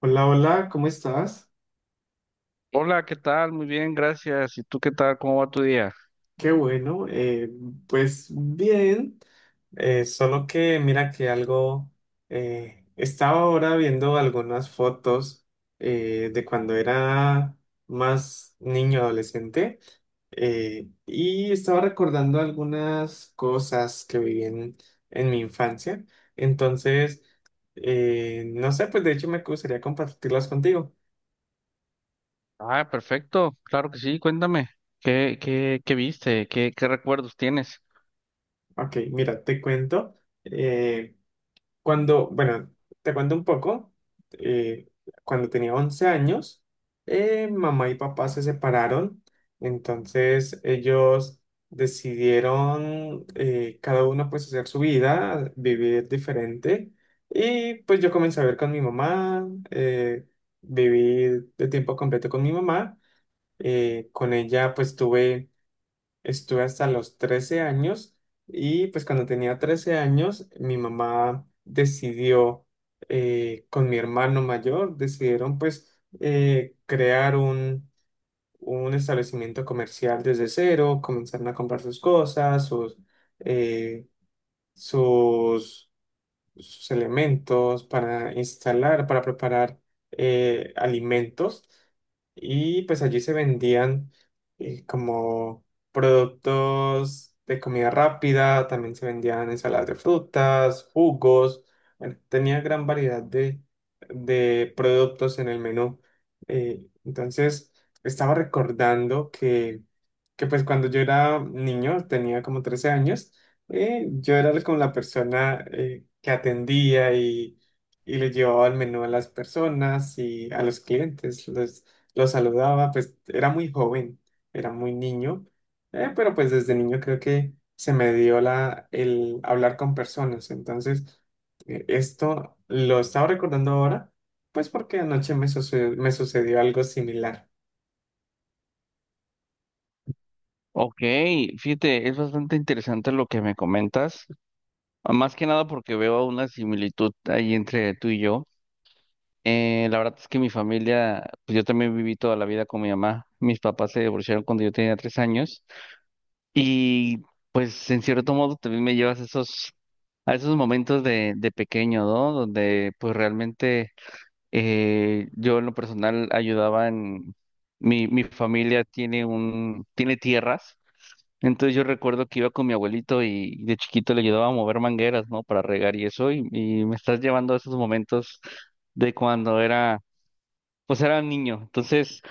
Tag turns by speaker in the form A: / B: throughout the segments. A: Hola, hola, ¿cómo estás?
B: Hola, ¿qué tal? Muy bien, gracias. ¿Y tú qué tal? ¿Cómo va tu día?
A: Qué bueno, pues bien. Solo que mira que algo, estaba ahora viendo algunas fotos de cuando era más niño adolescente. Y estaba recordando algunas cosas que viví en mi infancia. Entonces, no sé, pues de hecho me gustaría compartirlas contigo.
B: Ah, perfecto. Claro que sí. Cuéntame. ¿Qué viste? ¿Qué recuerdos tienes?
A: Ok, mira, te cuento. eh, Cuando, bueno, te cuento un poco. eh, Cuando tenía 11 años, mamá y papá se separaron. Entonces ellos decidieron, cada uno pues hacer su vida, vivir diferente. Y pues yo comencé a ver con mi mamá. Viví de tiempo completo con mi mamá. Con ella pues tuve... Estuve hasta los 13 años. Y pues cuando tenía 13 años mi mamá decidió, con mi hermano mayor, decidieron pues crear un establecimiento comercial desde cero. Comenzaron a comprar sus cosas, eh, sus sus elementos para instalar, para preparar alimentos. Y pues allí se vendían, como productos de comida rápida; también se vendían ensaladas de frutas, jugos. Bueno, tenía gran variedad de productos en el menú. Entonces, estaba recordando que pues cuando yo era niño, tenía como 13 años. Yo era como la persona que atendía, y le llevaba el menú a las personas y a los clientes, los saludaba. Pues era muy joven, era muy niño. Pero pues desde niño creo que se me dio el hablar con personas. Entonces, esto lo estaba recordando ahora, pues porque anoche me sucedió algo similar.
B: Ok, fíjate, es bastante interesante lo que me comentas. Ah, más que nada porque veo una similitud ahí entre tú y yo. La verdad es que mi familia, pues yo también viví toda la vida con mi mamá. Mis papás se divorciaron cuando yo tenía tres años. Y pues en cierto modo también me llevas esos a esos momentos de pequeño, ¿no? Donde pues realmente yo en lo personal ayudaba en... Mi familia tiene un, tiene tierras, entonces yo recuerdo que iba con mi abuelito y de chiquito le ayudaba a mover mangueras, ¿no? Para regar y eso, y me estás llevando a esos momentos de cuando era, pues era niño. Entonces...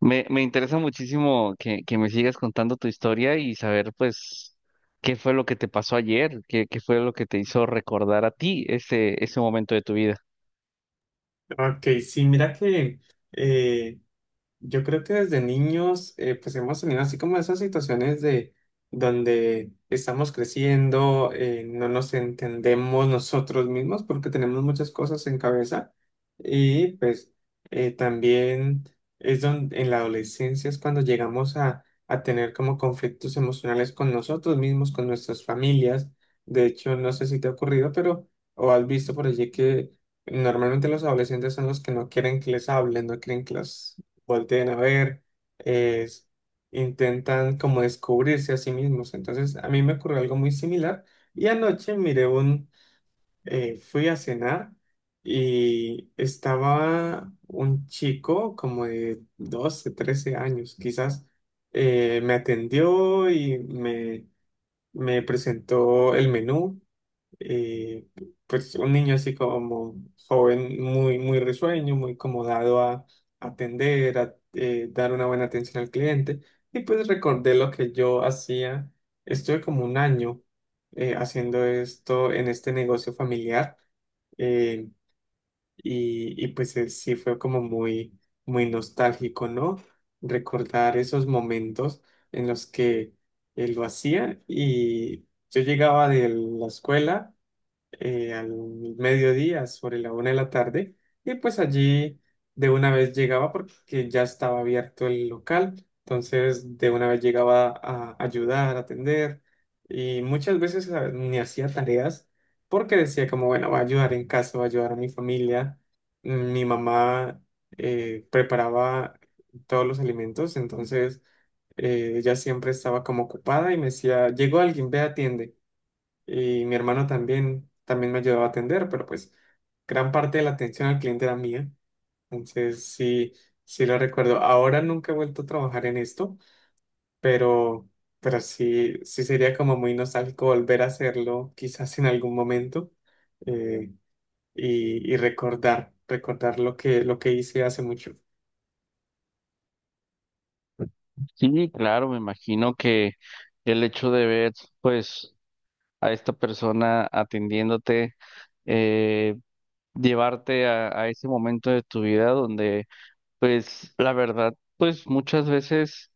B: Me interesa muchísimo que me sigas contando tu historia y saber, pues, qué fue lo que te pasó ayer, qué fue lo que te hizo recordar a ti ese, ese momento de tu vida.
A: Ok, sí, mira que eh, yo creo que desde niños, pues hemos tenido así como esas situaciones de donde estamos creciendo. No nos entendemos nosotros mismos porque tenemos muchas cosas en cabeza. Y pues también es donde en la adolescencia es cuando llegamos a tener como conflictos emocionales con nosotros mismos, con nuestras familias. De hecho, no sé si te ha ocurrido, pero o has visto por allí que normalmente los adolescentes son los que no quieren que les hablen, no quieren que los volteen a ver, es- intentan como descubrirse a sí mismos. Entonces, a mí me ocurrió algo muy similar. Y anoche fui a cenar, y estaba un chico como de 12 13 años, quizás. Me atendió y me presentó el menú. eh, pues un niño así como joven, muy, muy risueño, muy como dado a atender, a dar una buena atención al cliente. Y pues recordé lo que yo hacía. Estuve como un año haciendo esto en este negocio familiar. eh, y pues sí fue como muy, muy nostálgico, ¿no? Recordar esos momentos en los que lo hacía, y yo llegaba de la escuela al mediodía, sobre la una de la tarde. Y pues allí de una vez llegaba porque ya estaba abierto el local. Entonces de una vez llegaba a ayudar, a atender. Y muchas veces ni hacía tareas, porque decía como, bueno, va a ayudar en casa, va a ayudar a mi familia. Mi mamá preparaba todos los alimentos. Entonces ella siempre estaba como ocupada, y me decía, llegó alguien, ve, atiende. Y mi hermano también, también me ayudaba a atender, pero pues gran parte de la atención al cliente era mía. Entonces sí, sí lo recuerdo. Ahora nunca he vuelto a trabajar en esto, pero, pero sí, sí sería como muy nostálgico volver a hacerlo quizás en algún momento. eh, y recordar lo que hice hace mucho.
B: Sí, claro, me imagino que el hecho de ver, pues, a esta persona atendiéndote, eh, llevarte a ese momento de tu vida donde, pues, la verdad, pues, muchas veces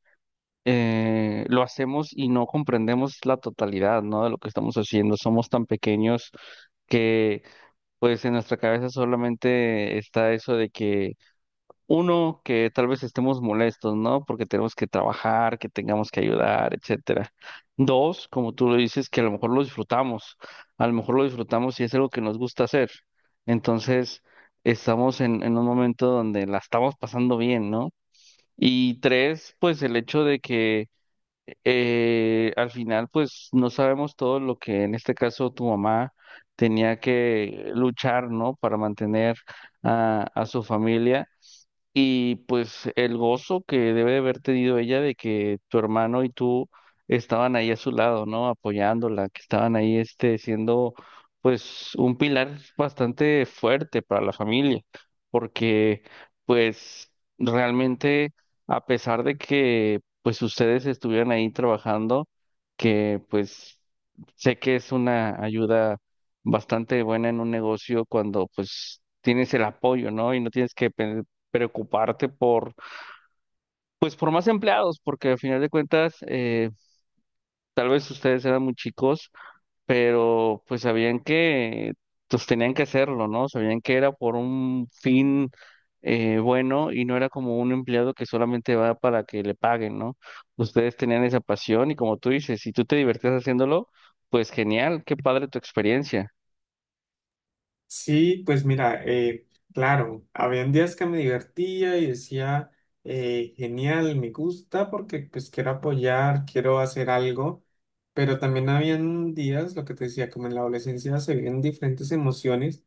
B: lo hacemos y no comprendemos la totalidad, ¿no? De lo que estamos haciendo. Somos tan pequeños que pues en nuestra cabeza solamente está eso de que uno, que tal vez estemos molestos, ¿no? Porque tenemos que trabajar, que tengamos que ayudar, etcétera. Dos, como tú lo dices, que a lo mejor lo disfrutamos, a lo mejor lo disfrutamos y es algo que nos gusta hacer. Entonces, estamos en un momento donde la estamos pasando bien, ¿no? Y tres, pues el hecho de que al final, pues no sabemos todo lo que en este caso tu mamá tenía que luchar, ¿no? Para mantener a su familia. Y pues el gozo que debe de haber tenido ella de que tu hermano y tú estaban ahí a su lado, ¿no? Apoyándola, que estaban ahí este siendo pues un pilar bastante fuerte para la familia, porque pues realmente a pesar de que pues ustedes estuvieran ahí trabajando, que pues sé que es una ayuda bastante buena en un negocio cuando pues tienes el apoyo, ¿no? Y no tienes que preocuparte por, pues por más empleados, porque al final de cuentas, tal vez ustedes eran muy chicos, pero pues sabían que pues tenían que hacerlo, ¿no? Sabían que era por un fin bueno y no era como un empleado que solamente va para que le paguen, ¿no? Ustedes tenían esa pasión y como tú dices, si tú te divertías haciéndolo, pues genial, qué padre tu experiencia.
A: Sí, pues mira. Claro, habían días que me divertía y decía, genial, me gusta porque pues quiero apoyar, quiero hacer algo. Pero también habían días, lo que te decía, como en la adolescencia se viven diferentes emociones,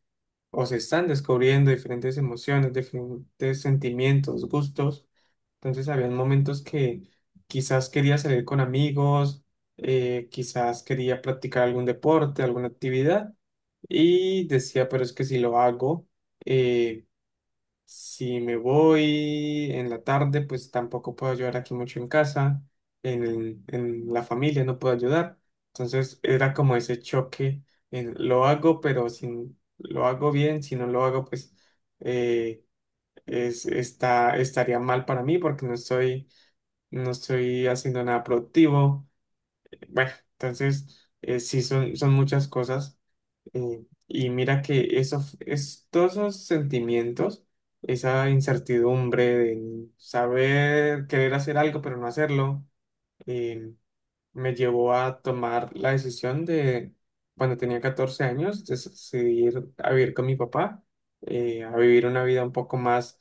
A: o se están descubriendo diferentes emociones, diferentes sentimientos, gustos. Entonces habían momentos que quizás quería salir con amigos, quizás quería practicar algún deporte, alguna actividad. Y decía, pero es que si lo hago, eh, si me voy en la tarde, pues tampoco puedo ayudar aquí mucho en casa, en la familia no puedo ayudar. Entonces era como ese choque, en lo hago, pero si lo hago bien, si no lo hago, pues eh, estaría mal para mí porque no estoy haciendo nada productivo. Bueno, entonces sí son muchas cosas. Y mira que todos esos sentimientos, esa incertidumbre de saber querer hacer algo pero no hacerlo, eh, me llevó a tomar la decisión de, cuando tenía 14 años, de decidir a vivir con mi papá. A vivir una vida un poco más,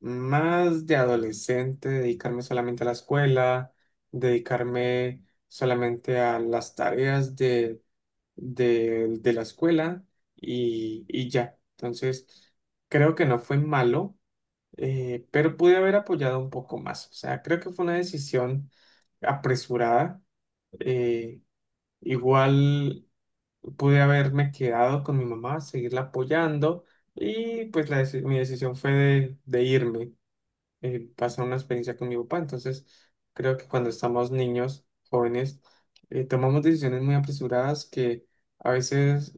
A: más de adolescente, dedicarme solamente a la escuela, dedicarme solamente a las tareas de la escuela, y ya. Entonces, creo que no fue malo. Pero pude haber apoyado un poco más. O sea, creo que fue una decisión apresurada. eh, Igual pude haberme quedado con mi mamá, seguirla apoyando, y pues mi decisión fue de irme, pasar una experiencia con mi papá. Entonces, creo que cuando estamos niños, jóvenes, tomamos decisiones muy apresuradas que... A veces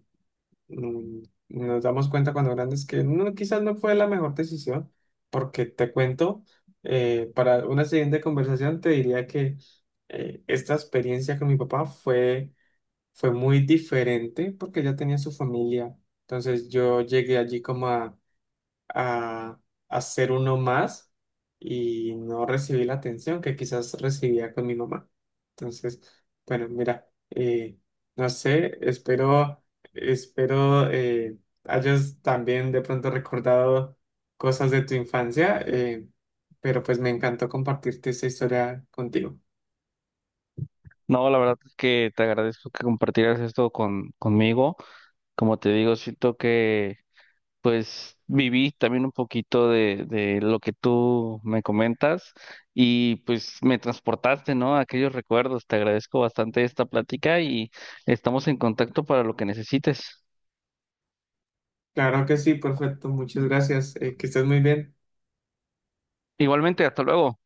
A: mm, nos damos cuenta cuando grandes que no, quizás no fue la mejor decisión. Porque te cuento, para una siguiente conversación te diría que esta experiencia con mi papá fue muy diferente, porque ya tenía su familia. Entonces yo llegué allí como a, hacer uno más, y no recibí la atención que quizás recibía con mi mamá. Entonces, bueno, mira. No sé, espero hayas también de pronto recordado cosas de tu infancia. Pero pues me encantó compartirte esta historia contigo.
B: No, la verdad es que te agradezco que compartieras esto con, conmigo. Como te digo, siento que pues viví también un poquito de lo que tú me comentas y pues me transportaste, ¿no? A aquellos recuerdos. Te agradezco bastante esta plática y estamos en contacto para lo que necesites.
A: Claro que sí, perfecto, muchas gracias, que estés muy bien.
B: Igualmente, hasta luego.